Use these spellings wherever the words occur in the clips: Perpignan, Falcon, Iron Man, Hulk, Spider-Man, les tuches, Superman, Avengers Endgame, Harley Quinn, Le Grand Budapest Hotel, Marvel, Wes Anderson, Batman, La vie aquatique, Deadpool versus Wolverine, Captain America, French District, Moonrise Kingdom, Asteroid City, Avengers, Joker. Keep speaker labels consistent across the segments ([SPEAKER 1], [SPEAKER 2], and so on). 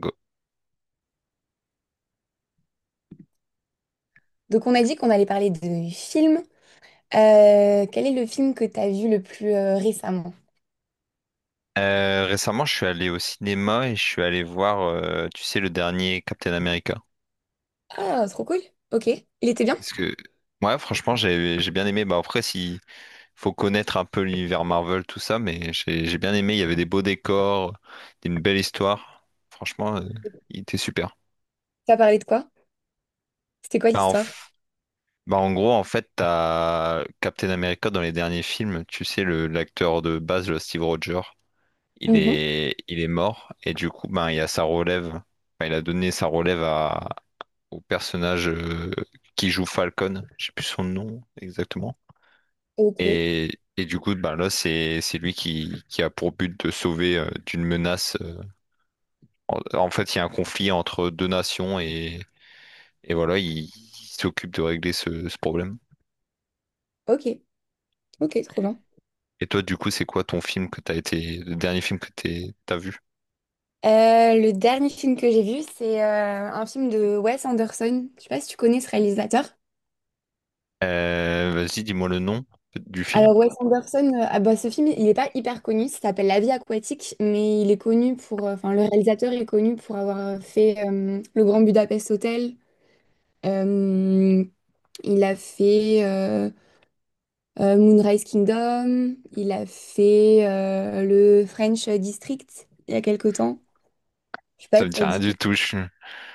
[SPEAKER 1] Go.
[SPEAKER 2] Donc on a dit qu'on allait parler de films. Quel est le film que t'as vu le plus récemment?
[SPEAKER 1] Récemment, je suis allé au cinéma et je suis allé voir, tu sais, le dernier Captain America.
[SPEAKER 2] Ah, trop cool. Ok. Il était bien?
[SPEAKER 1] Parce que, ouais, franchement, j'ai bien aimé. Bah, après, s'il faut connaître un peu l'univers Marvel, tout ça, mais j'ai bien aimé. Il y avait des beaux décors, une belle histoire. Franchement, il était super.
[SPEAKER 2] T'as parlé de quoi? C'était quoi
[SPEAKER 1] Bah, en,
[SPEAKER 2] l'histoire?
[SPEAKER 1] f- Bah, en gros, en fait, t'as Captain America dans les derniers films. Tu sais, le l'acteur de base, le Steve Rogers,
[SPEAKER 2] Mhm.
[SPEAKER 1] il est mort. Et du coup, ben, il y a sa relève. Enfin, il a donné sa relève au personnage qui joue Falcon, je sais plus son nom exactement.
[SPEAKER 2] Ok.
[SPEAKER 1] Et du coup, ben là, c'est lui qui a pour but de sauver d'une menace. En fait, il y a un conflit entre deux nations et voilà, il s'occupe de régler ce problème.
[SPEAKER 2] Ok. Ok, trop bien.
[SPEAKER 1] Et toi, du coup, c'est quoi ton film que le dernier film que t'as vu?
[SPEAKER 2] Le dernier film que j'ai vu, c'est un film de Wes Anderson. Je sais pas si tu connais ce réalisateur.
[SPEAKER 1] Vas-y, dis-moi le nom du film.
[SPEAKER 2] Alors Wes Anderson, ah bah, ce film, il n'est pas hyper connu. Ça s'appelle La vie aquatique, mais il est connu pour, enfin le réalisateur est connu pour avoir fait Le Grand Budapest Hotel. Euh, Il a fait Moonrise Kingdom, il a fait le French District il y a quelque temps. Je sais pas
[SPEAKER 1] Ça
[SPEAKER 2] si
[SPEAKER 1] me
[SPEAKER 2] ça
[SPEAKER 1] dit
[SPEAKER 2] te
[SPEAKER 1] rien
[SPEAKER 2] dit
[SPEAKER 1] du
[SPEAKER 2] quelque
[SPEAKER 1] tout.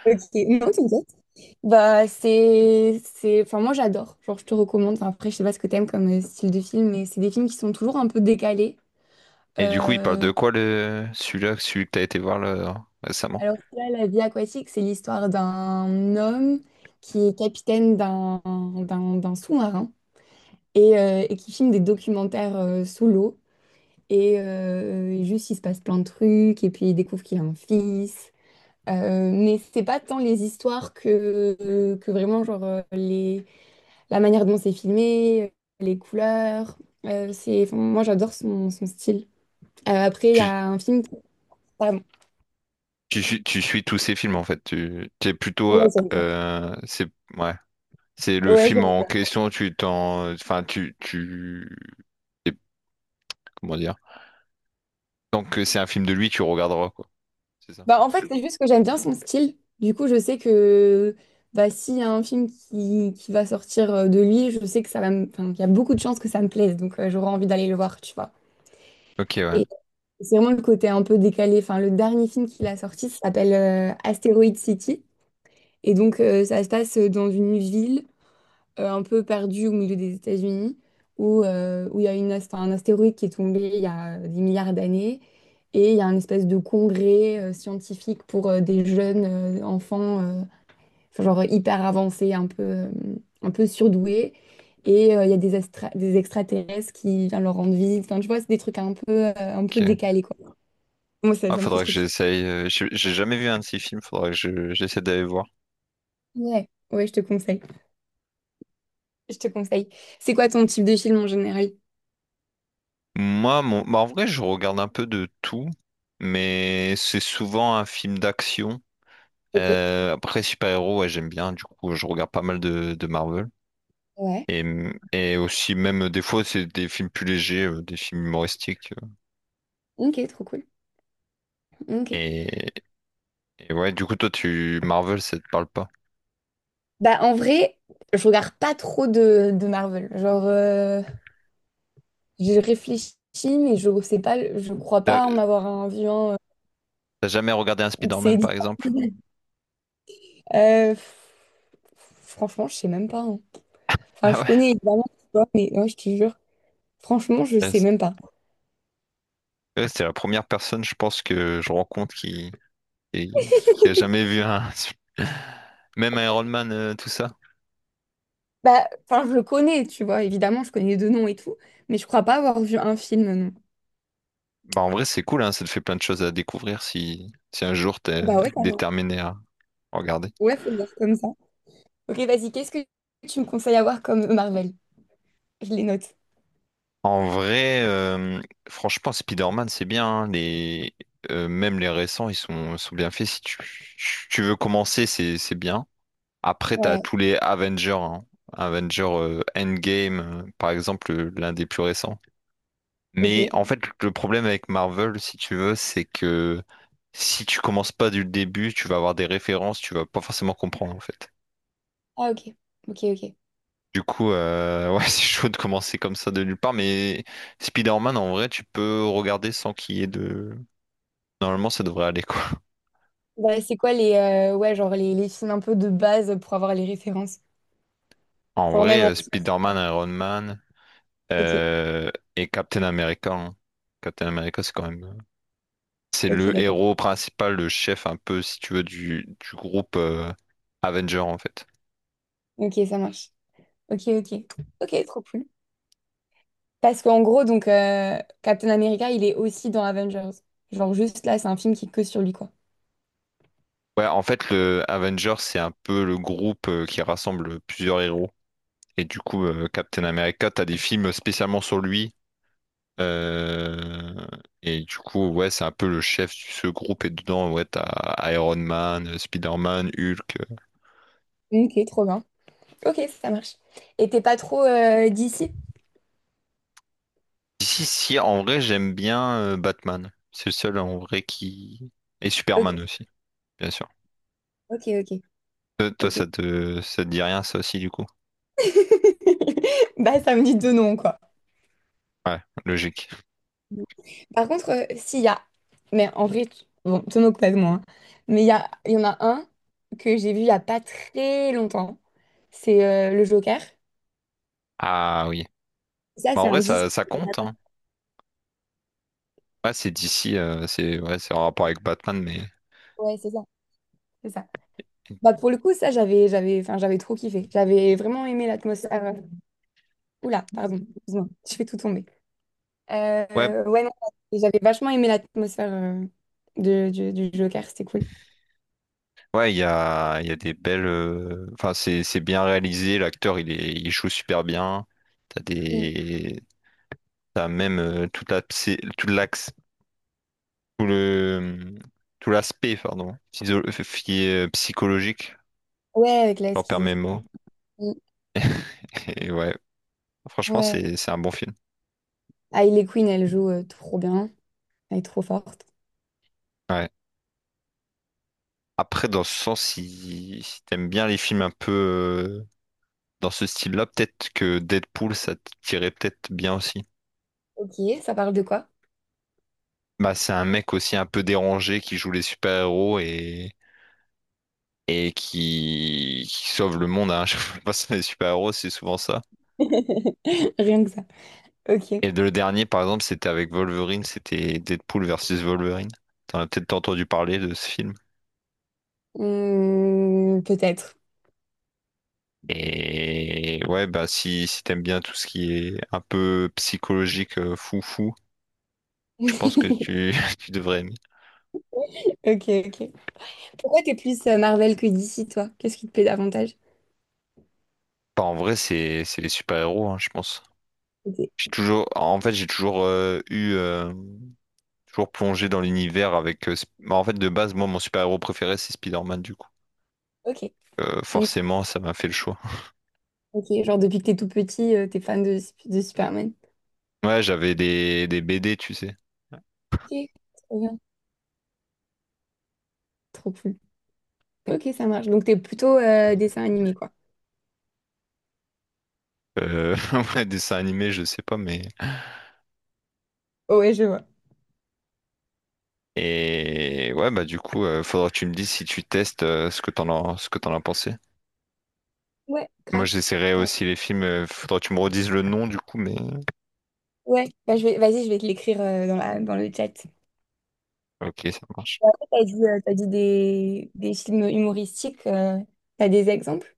[SPEAKER 2] chose. Ok, non, t'inquiète. Bah, c'est... Enfin, moi, j'adore. Genre, je te recommande. Enfin, après, je sais pas ce que t'aimes comme style de film, mais c'est des films qui sont toujours un peu décalés.
[SPEAKER 1] Et du coup, il parle
[SPEAKER 2] Euh,
[SPEAKER 1] de quoi le celui-là, celui que t'as été voir là, récemment?
[SPEAKER 2] Alors que là, La vie aquatique, c'est l'histoire d'un homme qui est capitaine d'un sous-marin et qui filme des documentaires sous l'eau. Et juste, il se passe plein de trucs, et puis il découvre qu'il a un fils. Mais c'est pas tant les histoires que vraiment, genre, la manière dont c'est filmé, les couleurs. C'est, enfin, moi, j'adore son style. Après, il y
[SPEAKER 1] Tu,
[SPEAKER 2] a un film. Pardon.
[SPEAKER 1] Tu suis tous ces films en fait. Tu t'es plutôt
[SPEAKER 2] Ouais, j'aime
[SPEAKER 1] c'est ouais, c'est
[SPEAKER 2] ça.
[SPEAKER 1] le film en question. Tu t'en enfin tu tu t'es- Comment dire? Tant que c'est un film de lui, tu regarderas quoi. C'est ça.
[SPEAKER 2] Bah, en fait, c'est juste que j'aime bien son style. Du coup, je sais que bah, s'il y a un film qui va sortir de lui, je sais que ça va me... enfin, qu'il y a beaucoup de chances que ça me plaise. Donc, j'aurai envie d'aller le voir, tu vois.
[SPEAKER 1] Ok, ouais.
[SPEAKER 2] C'est vraiment le côté un peu décalé. Enfin, le dernier film qu'il a sorti s'appelle Asteroid City. Et donc, ça se passe dans une ville un peu perdue au milieu des États-Unis, où où il y a enfin, un astéroïde qui est tombé il y a des milliards d'années. Et il y a une espèce de congrès scientifique pour des jeunes enfants, enfin, genre hyper avancés, un peu surdoués. Et il y a des extraterrestres qui viennent leur rendre visite. Enfin, tu vois, c'est des trucs un peu
[SPEAKER 1] Ok.
[SPEAKER 2] décalés, quoi. Moi, ça,
[SPEAKER 1] Ah,
[SPEAKER 2] ça me fait
[SPEAKER 1] faudrait que
[SPEAKER 2] trop kiffer.
[SPEAKER 1] j'essaye. J'ai jamais vu un de ces films, faudrait que j'essaie d'aller voir.
[SPEAKER 2] Ouais, ouais, je te conseille. Je te conseille. C'est quoi ton type de film en général?
[SPEAKER 1] Moi, mon... bah, en vrai, je regarde un peu de tout, mais c'est souvent un film d'action.
[SPEAKER 2] Ok.
[SPEAKER 1] Après, super-héros, ouais, j'aime bien, du coup, je regarde pas mal de Marvel.
[SPEAKER 2] Ouais.
[SPEAKER 1] Et, et aussi, même des fois, c'est des films plus légers, des films humoristiques.
[SPEAKER 2] Ok, trop cool. Ok.
[SPEAKER 1] Et, et ouais, du coup, toi, tu Marvel, ça te parle pas.
[SPEAKER 2] Bah, en vrai, je regarde pas trop de Marvel. Genre, je réfléchis, mais je sais pas, je crois
[SPEAKER 1] T'as
[SPEAKER 2] pas en avoir un vu un.
[SPEAKER 1] t'as jamais regardé un Spider-Man,
[SPEAKER 2] C'est
[SPEAKER 1] par exemple?
[SPEAKER 2] difficile. Pff, franchement, je sais même pas. Hein. Enfin,
[SPEAKER 1] Ah
[SPEAKER 2] je
[SPEAKER 1] ouais,
[SPEAKER 2] connais évidemment, tu vois, mais ouais, je te jure, franchement, je
[SPEAKER 1] ouais,
[SPEAKER 2] sais
[SPEAKER 1] c'est
[SPEAKER 2] même pas.
[SPEAKER 1] ouais, c'est la première personne, je pense, que je rencontre qui a jamais vu un, même un Iron Man, tout ça.
[SPEAKER 2] Bah, enfin, je le connais, tu vois, évidemment, je connais deux noms et tout, mais je crois pas avoir vu un film, non.
[SPEAKER 1] Bah, en vrai, c'est cool, hein, ça te fait plein de choses à découvrir si un jour t'es
[SPEAKER 2] Bah ouais.
[SPEAKER 1] déterminé à regarder.
[SPEAKER 2] Ouais, faut le voir comme ça. Ok, vas-y, qu'est-ce que tu me conseilles à voir comme Marvel? Je les note.
[SPEAKER 1] En vrai, franchement, Spider-Man, c'est bien. Même les récents, sont bien faits. Si tu, Tu veux commencer, c'est bien. Après, t'as
[SPEAKER 2] Ouais.
[SPEAKER 1] tous les Avengers. Hein. Avengers Endgame, par exemple, l'un des plus récents. Mais en
[SPEAKER 2] Ok.
[SPEAKER 1] fait, le problème avec Marvel, si tu veux, c'est que si tu commences pas du début, tu vas avoir des références, tu vas pas forcément comprendre en fait.
[SPEAKER 2] Ah, ok. Ok, ok.
[SPEAKER 1] Du coup, ouais, c'est chaud de commencer comme ça de nulle part, mais Spider-Man, en vrai, tu peux regarder sans qu'il y ait de... Normalement, ça devrait aller, quoi.
[SPEAKER 2] Bah, c'est quoi ouais, genre les films un peu de base pour avoir les références?
[SPEAKER 1] En
[SPEAKER 2] Genre
[SPEAKER 1] vrai,
[SPEAKER 2] même en...
[SPEAKER 1] Spider-Man, Iron Man
[SPEAKER 2] Ok,
[SPEAKER 1] euh, et Captain America. Hein. Captain America, c'est quand même... c'est
[SPEAKER 2] ok,
[SPEAKER 1] le
[SPEAKER 2] d'accord.
[SPEAKER 1] héros principal, le chef un peu, si tu veux, du groupe Avenger, en fait.
[SPEAKER 2] Ok, ça marche. Ok, ok. Ok, trop cool. Parce qu'en gros, donc, Captain America, il est aussi dans Avengers. Genre, juste là, c'est un film qui est que sur lui, quoi.
[SPEAKER 1] Ouais, en fait, le Avengers, c'est un peu le groupe qui rassemble plusieurs héros. Et du coup, Captain America, t'as des films spécialement sur lui. Euh, Et du coup, ouais, c'est un peu le chef de ce groupe. Et dedans, ouais, t'as Iron Man, Spider-Man, Hulk.
[SPEAKER 2] Ok, trop bien. Ok, ça marche. Et t'es pas trop d'ici?
[SPEAKER 1] Ici, si, si, en vrai, j'aime bien Batman. C'est le seul en vrai qui. Et Superman
[SPEAKER 2] Ok,
[SPEAKER 1] aussi, bien sûr.
[SPEAKER 2] ok, ok,
[SPEAKER 1] Toi,
[SPEAKER 2] ok.
[SPEAKER 1] ça te dit rien, ça aussi, du coup?
[SPEAKER 2] Bah, ça me dit deux noms, quoi.
[SPEAKER 1] Ouais, logique.
[SPEAKER 2] Par contre, mais en vrai, tu- bon, te moque pas de moi, hein. Mais il y en a un que j'ai vu il y a pas très longtemps. C'est le Joker.
[SPEAKER 1] Ah oui.
[SPEAKER 2] Ça,
[SPEAKER 1] Bah,
[SPEAKER 2] c'est
[SPEAKER 1] en
[SPEAKER 2] un
[SPEAKER 1] vrai, ça,
[SPEAKER 2] 10.
[SPEAKER 1] ça compte, hein. Ouais, c'est d'ici, c'est ouais, c'est en rapport avec Batman, mais
[SPEAKER 2] Ouais, c'est ça, c'est ça. Bah pour le coup, ça, enfin, j'avais trop kiffé. J'avais vraiment aimé l'atmosphère. Oula, pardon, excuse-moi, je fais tout tomber.
[SPEAKER 1] ouais,
[SPEAKER 2] Ouais, non, j'avais vachement aimé l'atmosphère de du Joker, c'était cool.
[SPEAKER 1] ouais, il y a des belles. Enfin, c'est bien réalisé. L'acteur, il joue super bien. T'as
[SPEAKER 2] Mm.
[SPEAKER 1] des, T'as même toute la, tout l'axe, tout le, tout l'aspect, pardon, psychologique.
[SPEAKER 2] Ouais, avec la
[SPEAKER 1] J'en perds mes
[SPEAKER 2] schizophrénie.
[SPEAKER 1] mots. Et ouais, franchement,
[SPEAKER 2] Ouais.
[SPEAKER 1] c'est un bon film.
[SPEAKER 2] Hailey Quinn, elle joue trop bien. Elle est trop forte.
[SPEAKER 1] Ouais. Après, dans ce sens, si t'aimes bien les films un peu dans ce style-là, peut-être que Deadpool, ça te tirait peut-être bien aussi.
[SPEAKER 2] Ok, ça parle de quoi?
[SPEAKER 1] Bah, c'est un mec aussi un peu dérangé qui joue les super-héros et qui sauve le monde. Hein. Je sais pas si les super-héros, c'est souvent ça.
[SPEAKER 2] Rien que ça. Ok.
[SPEAKER 1] Et le dernier, par exemple, c'était avec Wolverine, c'était Deadpool versus Wolverine. T'en as peut-être entendu parler de ce film.
[SPEAKER 2] Hmm, peut-être.
[SPEAKER 1] Et ouais, bah si, si t'aimes bien tout ce qui est un peu psychologique, fou fou, je pense que tu, tu devrais aimer.
[SPEAKER 2] Ok, ok. Pourquoi t'es plus Marvel que DC, toi? Qu'est-ce qui te plaît davantage?
[SPEAKER 1] Bah, en vrai, c'est les super-héros, hein, je pense.
[SPEAKER 2] Ok.
[SPEAKER 1] J'ai toujours eu. Toujours plongé dans l'univers avec. Bah, en fait, de base, moi, mon super-héros préféré, c'est Spider-Man, du coup.
[SPEAKER 2] Ok. Donc,
[SPEAKER 1] Forcément, ça m'a fait le choix.
[SPEAKER 2] ok, genre depuis que t'es tout petit, t'es fan de Superman.
[SPEAKER 1] Ouais, j'avais des BD, tu sais.
[SPEAKER 2] Ok, trop bien. Trop cool. Ok, ça marche. Donc t'es plutôt dessin animé, quoi.
[SPEAKER 1] Euh, ouais, dessins animés, je sais pas, mais.
[SPEAKER 2] Oh, ouais, je vois.
[SPEAKER 1] Et ouais, bah, du coup, faudra que tu me dises si tu testes ce que t'en as pensé.
[SPEAKER 2] Ouais,
[SPEAKER 1] Moi,
[SPEAKER 2] grave.
[SPEAKER 1] j'essaierai
[SPEAKER 2] Grave.
[SPEAKER 1] aussi les films. Faudra que tu me redises le nom, du coup, mais.
[SPEAKER 2] Ouais, bah, je vais, vas-y, je vais te l'écrire dans le chat.
[SPEAKER 1] Ok, ça marche.
[SPEAKER 2] T'as dit, des films humoristiques, t'as des exemples?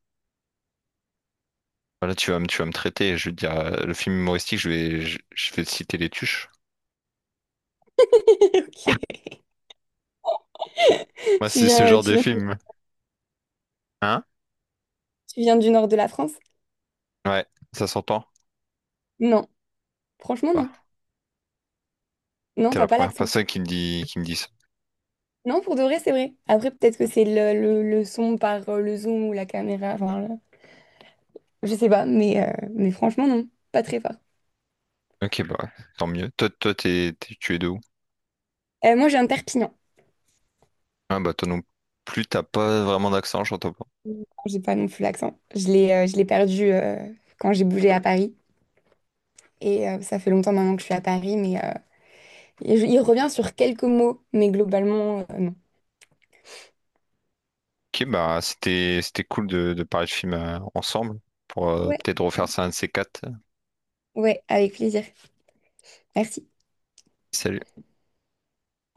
[SPEAKER 1] Voilà, tu vas me traiter. Je veux dire, le film humoristique, je vais te citer les tuches.
[SPEAKER 2] Ok.
[SPEAKER 1] Moi,
[SPEAKER 2] Tu
[SPEAKER 1] c'est ce
[SPEAKER 2] viens, euh,
[SPEAKER 1] genre
[SPEAKER 2] tu
[SPEAKER 1] de
[SPEAKER 2] viens,
[SPEAKER 1] film. Hein?
[SPEAKER 2] tu viens du nord de la France?
[SPEAKER 1] Ouais, ça s'entend.
[SPEAKER 2] Non, franchement non.
[SPEAKER 1] Bah,
[SPEAKER 2] Non,
[SPEAKER 1] t'es
[SPEAKER 2] t'as
[SPEAKER 1] la
[SPEAKER 2] pas
[SPEAKER 1] première
[SPEAKER 2] l'accent.
[SPEAKER 1] personne qui me dit ça.
[SPEAKER 2] Non, pour de vrai, c'est vrai. Après, peut-être que c'est le son par le zoom ou la caméra. Enfin, le- je sais pas, mais franchement non, pas très fort.
[SPEAKER 1] Ok, bah ouais, tant mieux. Tu es de où?
[SPEAKER 2] Moi, j'ai un Perpignan.
[SPEAKER 1] Ah bah toi non plus, t'as pas vraiment d'accent, j'entends pas.
[SPEAKER 2] J'ai pas non plus l'accent. Je l'ai perdu quand j'ai bougé à Paris. Et ça fait longtemps maintenant que je suis à Paris, mais il revient sur quelques mots, mais globalement, non.
[SPEAKER 1] Ok, bah c'était cool de parler de films ensemble pour
[SPEAKER 2] Ouais,
[SPEAKER 1] peut-être refaire ça un de ces quatre.
[SPEAKER 2] ouais, avec plaisir. Merci.
[SPEAKER 1] Salut.